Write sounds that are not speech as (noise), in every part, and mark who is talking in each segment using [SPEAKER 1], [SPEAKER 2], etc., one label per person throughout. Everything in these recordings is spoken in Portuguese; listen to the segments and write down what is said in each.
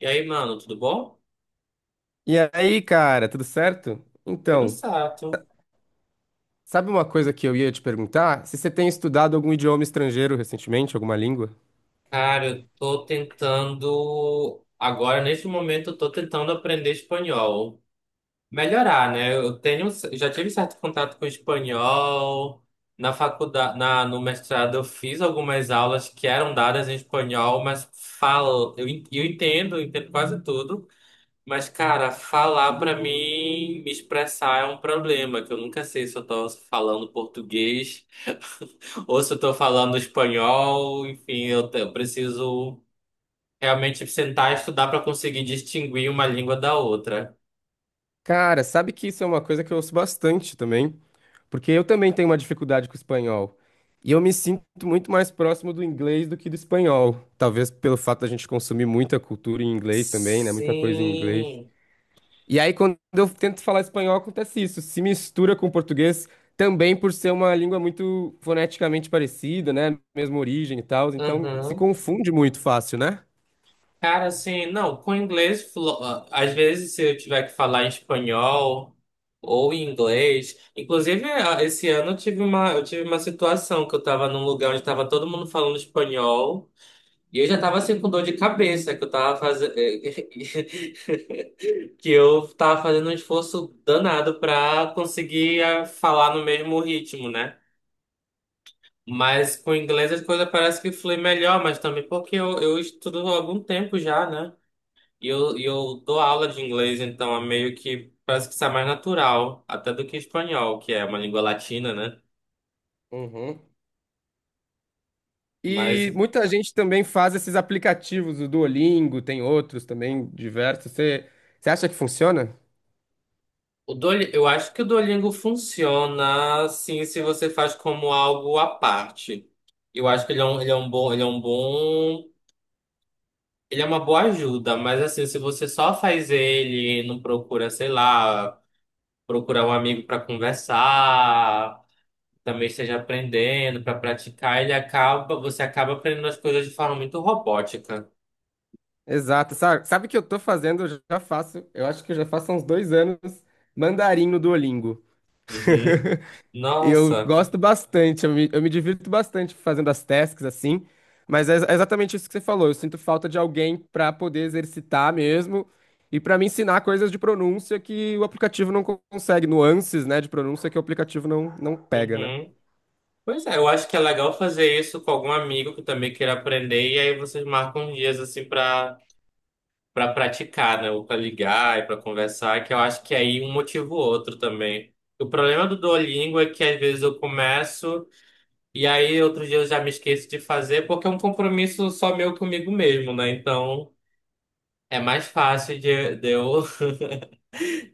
[SPEAKER 1] E aí, mano, tudo bom?
[SPEAKER 2] E aí, cara, tudo certo?
[SPEAKER 1] Tudo
[SPEAKER 2] Então,
[SPEAKER 1] certo.
[SPEAKER 2] sabe uma coisa que eu ia te perguntar? Se você tem estudado algum idioma estrangeiro recentemente, alguma língua?
[SPEAKER 1] Cara, eu tô tentando. Agora, neste momento, eu tô tentando aprender espanhol. Melhorar, né? Já tive certo contato com espanhol. Na faculdade, no mestrado, eu fiz algumas aulas que eram dadas em espanhol, mas eu entendo quase tudo. Mas, cara, falar pra mim, me expressar é um problema, que eu nunca sei se eu tô falando português (laughs) ou se eu tô falando espanhol. Enfim, eu preciso realmente sentar e estudar pra conseguir distinguir uma língua da outra.
[SPEAKER 2] Cara, sabe que isso é uma coisa que eu ouço bastante também, porque eu também tenho uma dificuldade com o espanhol. E eu me sinto muito mais próximo do inglês do que do espanhol. Talvez pelo fato da gente consumir muita cultura em inglês também, né? Muita coisa em inglês.
[SPEAKER 1] Sim.
[SPEAKER 2] E aí, quando eu tento falar espanhol, acontece isso. Se mistura com o português, também por ser uma língua muito foneticamente parecida, né? Mesma origem e tal. Então, se confunde muito fácil, né?
[SPEAKER 1] Cara, assim, não, com inglês, às vezes se eu tiver que falar em espanhol ou em inglês, inclusive esse ano eu tive uma situação que eu tava num lugar onde tava todo mundo falando espanhol e eu já tava assim com dor de cabeça, que eu tava fazendo, (laughs) que eu tava fazendo um esforço danado pra conseguir falar no mesmo ritmo, né? Mas com inglês as coisas parece que flui melhor, mas também porque eu estudo há algum tempo já, né? E eu dou aula de inglês, então é meio que parece que sai mais natural, até do que espanhol, que é uma língua latina, né?
[SPEAKER 2] Uhum.
[SPEAKER 1] Mas
[SPEAKER 2] E muita gente também faz esses aplicativos, o Duolingo, tem outros também diversos. Você, você acha que funciona?
[SPEAKER 1] eu acho que o Duolingo funciona sim se você faz como algo à parte. Eu acho que ele é um bom, ele é um bom, ele é uma boa ajuda, mas assim, se você só faz ele, não procura, sei lá, procurar um amigo para conversar, também esteja aprendendo para praticar, você acaba aprendendo as coisas de forma muito robótica.
[SPEAKER 2] Exato. Sabe o que eu tô fazendo? Eu já faço, eu acho que eu já faço há uns 2 anos mandarim no Duolingo.
[SPEAKER 1] Uhum.
[SPEAKER 2] (laughs) Eu
[SPEAKER 1] Nossa.
[SPEAKER 2] gosto bastante, eu me divirto bastante fazendo as tasks assim, mas é exatamente isso que você falou. Eu sinto falta de alguém para poder exercitar mesmo e para me ensinar coisas de pronúncia que o aplicativo não consegue, nuances, né, de pronúncia que o aplicativo não pega, né?
[SPEAKER 1] Uhum. Pois é, eu acho que é legal fazer isso com algum amigo que também queira aprender, e aí vocês marcam dias assim para praticar, né? Ou para ligar e para conversar, que eu acho que aí um motiva o outro também. O problema do Duolingo é que às vezes eu começo e aí outro dia eu já me esqueço de fazer, porque é um compromisso só meu comigo mesmo, né? Então. É mais fácil de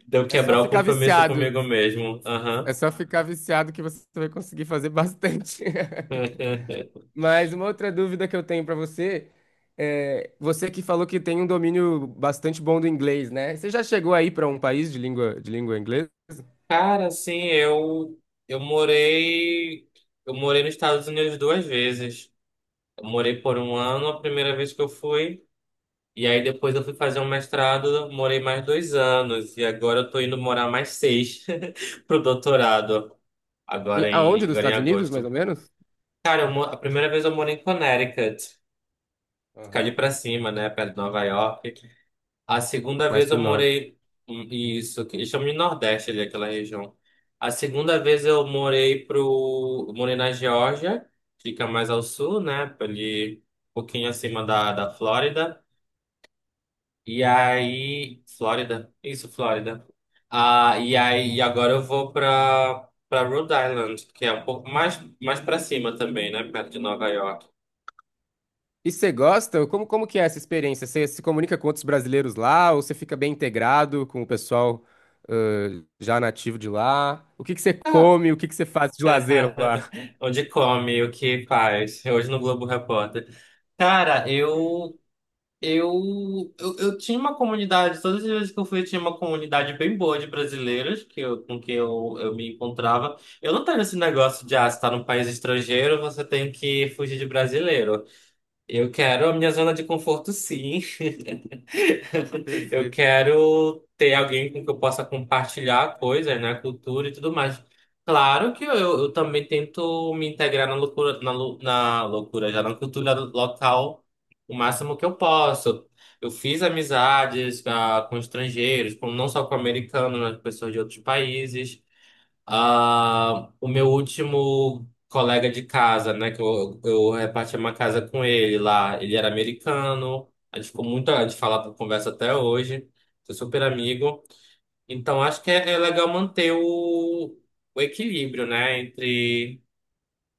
[SPEAKER 1] de eu
[SPEAKER 2] É só
[SPEAKER 1] quebrar o
[SPEAKER 2] ficar
[SPEAKER 1] compromisso
[SPEAKER 2] viciado.
[SPEAKER 1] comigo mesmo.
[SPEAKER 2] É
[SPEAKER 1] Aham.
[SPEAKER 2] só ficar viciado que você vai conseguir fazer bastante. (laughs)
[SPEAKER 1] (laughs)
[SPEAKER 2] Mas uma outra dúvida que eu tenho para você é, você que falou que tem um domínio bastante bom do inglês, né? Você já chegou aí para um país de língua inglesa?
[SPEAKER 1] Cara, assim, eu morei. Eu morei nos Estados Unidos duas vezes. Eu morei por um ano, a primeira vez que eu fui. E aí depois eu fui fazer um mestrado, morei mais dois anos. E agora eu tô indo morar mais seis (laughs) pro doutorado. Agora
[SPEAKER 2] Em- aonde?
[SPEAKER 1] em,
[SPEAKER 2] Dos
[SPEAKER 1] agora em
[SPEAKER 2] Estados Unidos, mais
[SPEAKER 1] agosto.
[SPEAKER 2] ou menos?
[SPEAKER 1] Cara, a primeira vez eu morei em Connecticut. Ficar ali
[SPEAKER 2] Aham.
[SPEAKER 1] pra cima, né? Perto de Nova York. A segunda
[SPEAKER 2] Mais
[SPEAKER 1] vez
[SPEAKER 2] pro
[SPEAKER 1] eu
[SPEAKER 2] norte.
[SPEAKER 1] morei. Hum, isso, que eles chamam de Nordeste ali, aquela região. A segunda vez eu morei pro. Morei na Geórgia, fica mais ao sul, né? Ali, um pouquinho acima da, Flórida. E aí. Flórida? Isso, Flórida. Ah, e aí, e agora eu vou pra, Rhode Island, que é um pouco mais pra cima também, né? Perto de Nova York.
[SPEAKER 2] E você gosta? Como que é essa experiência? Você se comunica com outros brasileiros lá ou você fica bem integrado com o pessoal já nativo de lá? O que que você
[SPEAKER 1] Ah,
[SPEAKER 2] come? O que que você faz de lazer lá?
[SPEAKER 1] (laughs) onde come, o que faz. Hoje no Globo Repórter. Cara, eu tinha uma comunidade, todas as vezes que eu fui, eu tinha uma comunidade bem boa de brasileiros com quem eu me encontrava. Eu não tenho esse negócio de, você tá num país estrangeiro, você tem que fugir de brasileiro. Eu quero a minha zona de conforto, sim. (laughs) Eu
[SPEAKER 2] Perfeito.
[SPEAKER 1] quero ter alguém com que eu possa compartilhar coisas, né? Cultura e tudo mais. Claro que eu também tento me integrar na loucura, na, lu- na loucura, já na cultura local o máximo que eu posso. Eu fiz amizades com estrangeiros, não só com americanos, mas com pessoas de outros países. Ah, o meu último colega de casa, né, que eu repartia uma casa com ele lá, ele era americano, a gente ficou muito de falar por conversa até hoje, sou super amigo. Então acho que é legal manter o equilíbrio, né, entre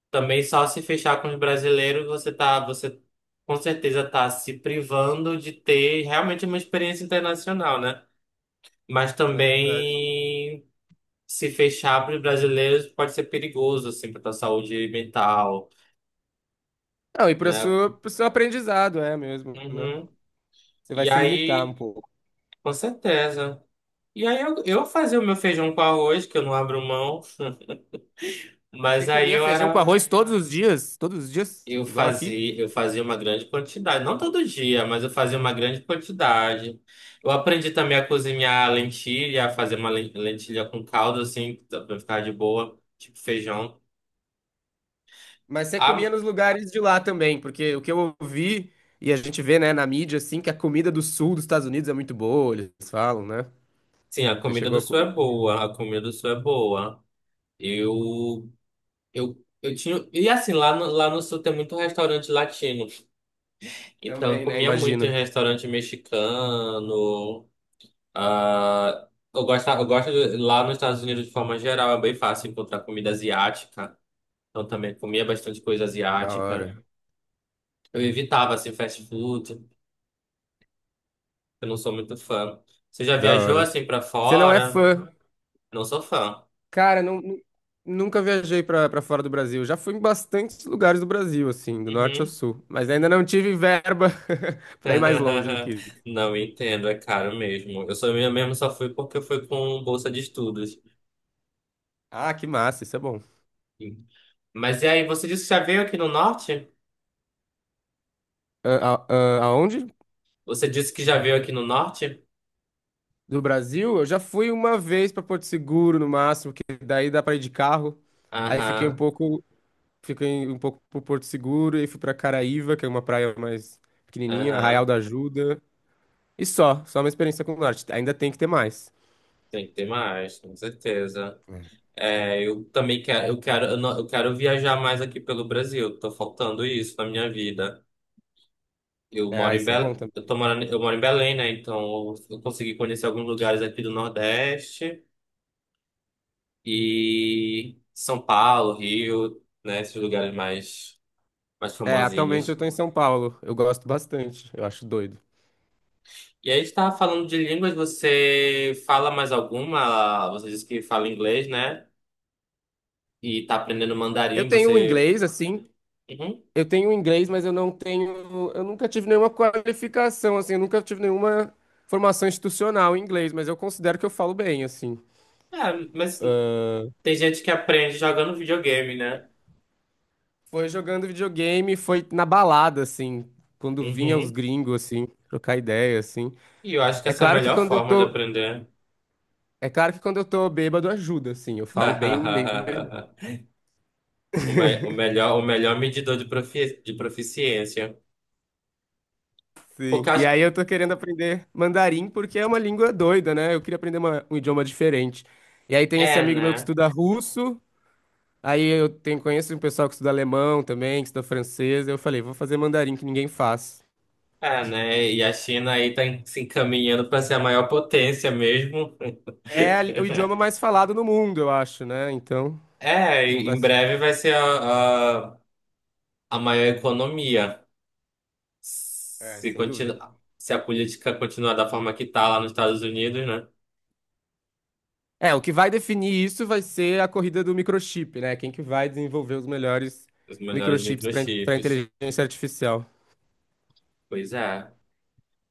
[SPEAKER 1] também só se fechar com os brasileiros, você com certeza tá se privando de ter realmente uma experiência internacional, né? Mas
[SPEAKER 2] É verdade.
[SPEAKER 1] também se fechar para os brasileiros pode ser perigoso, assim, para a saúde mental,
[SPEAKER 2] Não, e para o
[SPEAKER 1] né?
[SPEAKER 2] seu, pro seu aprendizado, é mesmo, né?
[SPEAKER 1] Uhum.
[SPEAKER 2] Você vai
[SPEAKER 1] E
[SPEAKER 2] se limitar um
[SPEAKER 1] aí,
[SPEAKER 2] pouco.
[SPEAKER 1] com certeza. E aí eu fazia o meu feijão com arroz, que eu não abro mão,
[SPEAKER 2] Você
[SPEAKER 1] mas aí
[SPEAKER 2] comia feijão com arroz todos os dias? Todos os dias?
[SPEAKER 1] eu
[SPEAKER 2] Igual aqui?
[SPEAKER 1] fazia, eu fazia uma grande quantidade, não todo dia, mas eu fazia uma grande quantidade. Eu aprendi também a cozinhar lentilha, a fazer uma lentilha com caldo, assim, para ficar de boa, tipo feijão.
[SPEAKER 2] Mas você comia
[SPEAKER 1] Ah,
[SPEAKER 2] nos lugares de lá também, porque o que eu ouvi e a gente vê, né, na mídia, assim, que a comida do sul dos Estados Unidos é muito boa, eles falam, né?
[SPEAKER 1] sim, a
[SPEAKER 2] Você
[SPEAKER 1] comida
[SPEAKER 2] chegou
[SPEAKER 1] do
[SPEAKER 2] a
[SPEAKER 1] sul é
[SPEAKER 2] comer?
[SPEAKER 1] boa, a comida do sul é boa. Eu, eu tinha. E assim, lá no sul tem muito restaurante latino. Então,
[SPEAKER 2] Também, né?
[SPEAKER 1] comia muito em
[SPEAKER 2] Imagino.
[SPEAKER 1] restaurante mexicano. ah Lá nos Estados Unidos, de forma geral, é bem fácil encontrar comida asiática. Então, também comia bastante coisa
[SPEAKER 2] Da
[SPEAKER 1] asiática.
[SPEAKER 2] hora.
[SPEAKER 1] Eu evitava, assim, fast food. Eu não sou muito fã. Você já
[SPEAKER 2] Da
[SPEAKER 1] viajou,
[SPEAKER 2] hora.
[SPEAKER 1] assim, pra
[SPEAKER 2] Você não é
[SPEAKER 1] fora?
[SPEAKER 2] fã?
[SPEAKER 1] Não sou fã.
[SPEAKER 2] Cara, não, nunca viajei pra fora do Brasil. Já fui em bastantes lugares do Brasil, assim, do norte ao
[SPEAKER 1] Uhum.
[SPEAKER 2] sul. Mas ainda não tive verba (laughs) pra ir mais longe do que
[SPEAKER 1] (laughs)
[SPEAKER 2] isso.
[SPEAKER 1] Não entendo, é caro mesmo. Eu mesmo só fui porque eu fui com bolsa de estudos.
[SPEAKER 2] Ah, que massa, isso é bom.
[SPEAKER 1] Mas e aí, você disse que já veio aqui no norte?
[SPEAKER 2] a- Aonde?
[SPEAKER 1] Você disse que já veio aqui no norte?
[SPEAKER 2] Do Brasil? Eu já fui uma vez para Porto Seguro, no máximo, que daí dá para ir de carro. Aí
[SPEAKER 1] Aham,
[SPEAKER 2] fiquei um pouco por Porto Seguro e fui para Caraíva, que é uma praia mais pequenininha, Arraial
[SPEAKER 1] aham.
[SPEAKER 2] da Ajuda. E só, só uma experiência com o norte. Ainda tem que ter mais.
[SPEAKER 1] Tem que ter mais, com certeza. É, eu também quero, eu, não- eu quero viajar mais aqui pelo Brasil. Tô faltando isso na minha vida. Eu
[SPEAKER 2] É,
[SPEAKER 1] moro
[SPEAKER 2] ah,
[SPEAKER 1] em
[SPEAKER 2] isso é bom
[SPEAKER 1] Belém,
[SPEAKER 2] também.
[SPEAKER 1] eu moro em Belém, né? Então eu consegui conhecer alguns lugares aqui do Nordeste. E São Paulo, Rio, né, esses lugares mais
[SPEAKER 2] É, atualmente eu
[SPEAKER 1] famosinhos.
[SPEAKER 2] tô em São Paulo. Eu gosto bastante. Eu acho doido.
[SPEAKER 1] E aí estava falando de línguas, você fala mais alguma? Você disse que fala inglês, né? E tá aprendendo
[SPEAKER 2] Eu
[SPEAKER 1] mandarim,
[SPEAKER 2] tenho um
[SPEAKER 1] você.
[SPEAKER 2] inglês, assim,
[SPEAKER 1] Uhum.
[SPEAKER 2] Eu tenho um inglês, mas eu não tenho. Eu nunca tive nenhuma qualificação, assim, eu nunca tive nenhuma formação institucional em inglês, mas eu considero que eu falo bem, assim.
[SPEAKER 1] É, mas tem gente que aprende jogando videogame, né?
[SPEAKER 2] Foi jogando videogame, foi na balada, assim, quando vinha os
[SPEAKER 1] Uhum.
[SPEAKER 2] gringos, assim, trocar ideia, assim.
[SPEAKER 1] E eu acho que
[SPEAKER 2] É
[SPEAKER 1] essa é a
[SPEAKER 2] claro que
[SPEAKER 1] melhor
[SPEAKER 2] quando eu
[SPEAKER 1] forma de
[SPEAKER 2] tô.
[SPEAKER 1] aprender.
[SPEAKER 2] É claro que quando eu tô bêbado ajuda, assim, eu falo bem, bem melhor.
[SPEAKER 1] (laughs) O melhor medidor de proficiência. Porque
[SPEAKER 2] Sim.
[SPEAKER 1] eu
[SPEAKER 2] E aí
[SPEAKER 1] acho.
[SPEAKER 2] eu tô querendo aprender mandarim porque é uma língua doida, né? Eu queria aprender um idioma diferente. E aí tem esse
[SPEAKER 1] É,
[SPEAKER 2] amigo meu que
[SPEAKER 1] né?
[SPEAKER 2] estuda russo. Aí eu tenho, conheço um pessoal que estuda alemão também, que estuda francês. Eu falei, vou fazer mandarim que ninguém faz.
[SPEAKER 1] É, né? E a China aí se encaminhando para ser a maior potência mesmo.
[SPEAKER 2] É o idioma mais
[SPEAKER 1] (laughs)
[SPEAKER 2] falado no mundo, eu acho, né? Então,
[SPEAKER 1] É,
[SPEAKER 2] não
[SPEAKER 1] e
[SPEAKER 2] vai.
[SPEAKER 1] em
[SPEAKER 2] ser-
[SPEAKER 1] breve vai ser a, a maior economia.
[SPEAKER 2] É,
[SPEAKER 1] Se,
[SPEAKER 2] sem dúvida.
[SPEAKER 1] continuar se a política continuar da forma que tá lá nos Estados Unidos, né?
[SPEAKER 2] É, o que vai definir isso vai ser a corrida do microchip, né? Quem que vai desenvolver os melhores
[SPEAKER 1] Os melhores
[SPEAKER 2] microchips para
[SPEAKER 1] microchips.
[SPEAKER 2] inteligência artificial.
[SPEAKER 1] Pois é.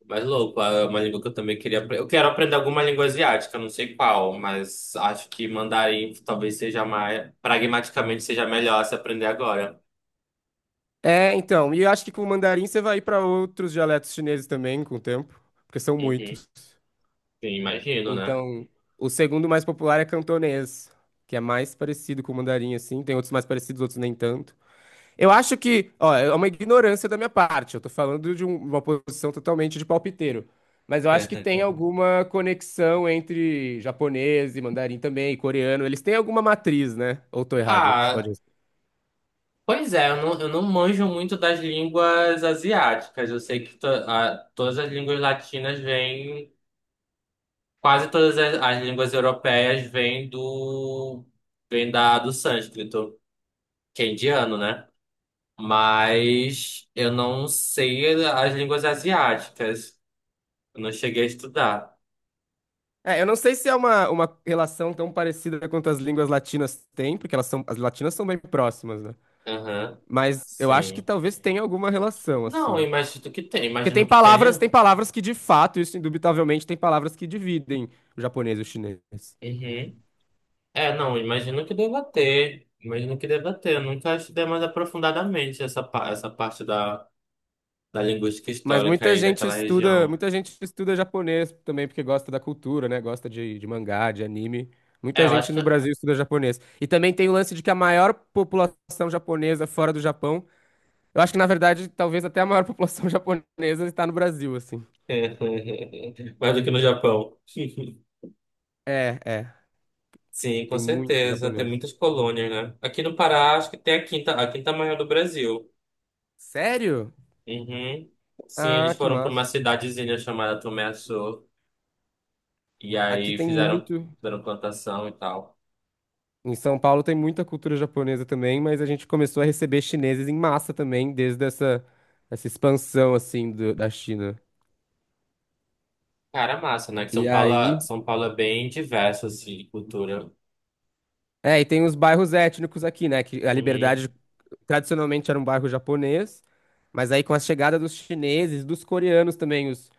[SPEAKER 1] Mas louco, é uma língua que eu também queria aprender. Eu quero aprender alguma língua asiática, não sei qual, mas acho que mandarim talvez pragmaticamente seja melhor se aprender agora.
[SPEAKER 2] É, então, e eu acho que com o mandarim você vai ir para outros dialetos chineses também com o tempo, porque são
[SPEAKER 1] Uhum.
[SPEAKER 2] muitos.
[SPEAKER 1] Sim, imagino, né?
[SPEAKER 2] Então, o segundo mais popular é cantonês, que é mais parecido com o mandarim, assim. Tem outros mais parecidos, outros nem tanto. Eu acho que, ó, é uma ignorância da minha parte. Eu tô falando de uma posição totalmente de palpiteiro. Mas eu acho que tem
[SPEAKER 1] (laughs)
[SPEAKER 2] alguma conexão entre japonês e mandarim também, e coreano. Eles têm alguma matriz, né? Ou tô errado? Você pode.
[SPEAKER 1] Ah, pois é, eu não manjo muito das línguas asiáticas. Eu sei que todas as línguas latinas vêm, quase todas as línguas europeias vêm do, do sânscrito, que é indiano, né? Mas eu não sei as línguas asiáticas. Eu não cheguei a estudar.
[SPEAKER 2] É, eu não sei se é uma relação tão parecida quanto as línguas latinas têm, porque elas são, as latinas são bem próximas, né?
[SPEAKER 1] Aham,
[SPEAKER 2] Mas eu acho que
[SPEAKER 1] sim.
[SPEAKER 2] talvez tenha alguma relação,
[SPEAKER 1] Não, eu
[SPEAKER 2] assim.
[SPEAKER 1] imagino que tem,
[SPEAKER 2] Porque tem
[SPEAKER 1] imagino que
[SPEAKER 2] palavras,
[SPEAKER 1] tenha.
[SPEAKER 2] tem palavras que de fato, isso indubitavelmente, tem palavras que dividem o japonês e o chinês.
[SPEAKER 1] Uhum. É, não, imagino que deva ter. Imagino que deva ter. Eu nunca estudei mais aprofundadamente essa parte da linguística
[SPEAKER 2] Mas
[SPEAKER 1] histórica aí daquela região.
[SPEAKER 2] muita gente estuda japonês também porque gosta da cultura, né? Gosta de mangá, de anime.
[SPEAKER 1] É,
[SPEAKER 2] Muita
[SPEAKER 1] eu
[SPEAKER 2] gente
[SPEAKER 1] acho que.
[SPEAKER 2] no Brasil estuda japonês. E também tem o lance de que a maior população japonesa fora do Japão, eu acho que na verdade talvez até a maior população (laughs) japonesa está no Brasil, assim.
[SPEAKER 1] (laughs) Mais do que no Japão. (laughs)
[SPEAKER 2] É, é.
[SPEAKER 1] Sim, com
[SPEAKER 2] Tem muito
[SPEAKER 1] certeza. Tem
[SPEAKER 2] japonês.
[SPEAKER 1] muitas colônias, né? Aqui no Pará, acho que tem a quinta maior do Brasil.
[SPEAKER 2] Sério?
[SPEAKER 1] Uhum. Sim, eles
[SPEAKER 2] Ah, que
[SPEAKER 1] foram para uma
[SPEAKER 2] massa.
[SPEAKER 1] cidadezinha chamada Tomé-Açu. E
[SPEAKER 2] Aqui
[SPEAKER 1] aí
[SPEAKER 2] tem
[SPEAKER 1] fizeram,
[SPEAKER 2] muito.
[SPEAKER 1] fizeram plantação e tal.
[SPEAKER 2] Em São Paulo tem muita cultura japonesa também, mas a gente começou a receber chineses em massa também, desde essa expansão, assim, da China.
[SPEAKER 1] Cara, massa, né? Que
[SPEAKER 2] E aí...
[SPEAKER 1] São Paulo é bem diverso, assim, de cultura.
[SPEAKER 2] É, e tem os bairros étnicos aqui, né? Que a
[SPEAKER 1] Uhum,
[SPEAKER 2] Liberdade tradicionalmente era um bairro japonês, mas aí com a chegada dos chineses, dos coreanos também, os,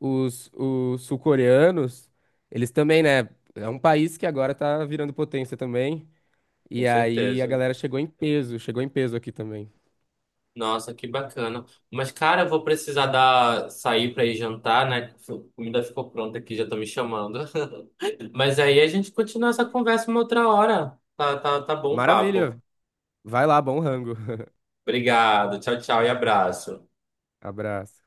[SPEAKER 2] os, os sul-coreanos, eles também, né? É um país que agora tá virando potência também.
[SPEAKER 1] com
[SPEAKER 2] E aí a
[SPEAKER 1] certeza.
[SPEAKER 2] galera chegou em peso aqui também.
[SPEAKER 1] Nossa, que bacana. Mas, cara, eu vou precisar sair pra ir jantar, né? A comida ficou pronta aqui, já tô me chamando. (laughs) Mas aí a gente continua essa conversa uma outra hora. Tá, tá, tá bom o papo.
[SPEAKER 2] Maravilha! Vai lá, bom rango.
[SPEAKER 1] Obrigado. Tchau, tchau e abraço.
[SPEAKER 2] Abraço.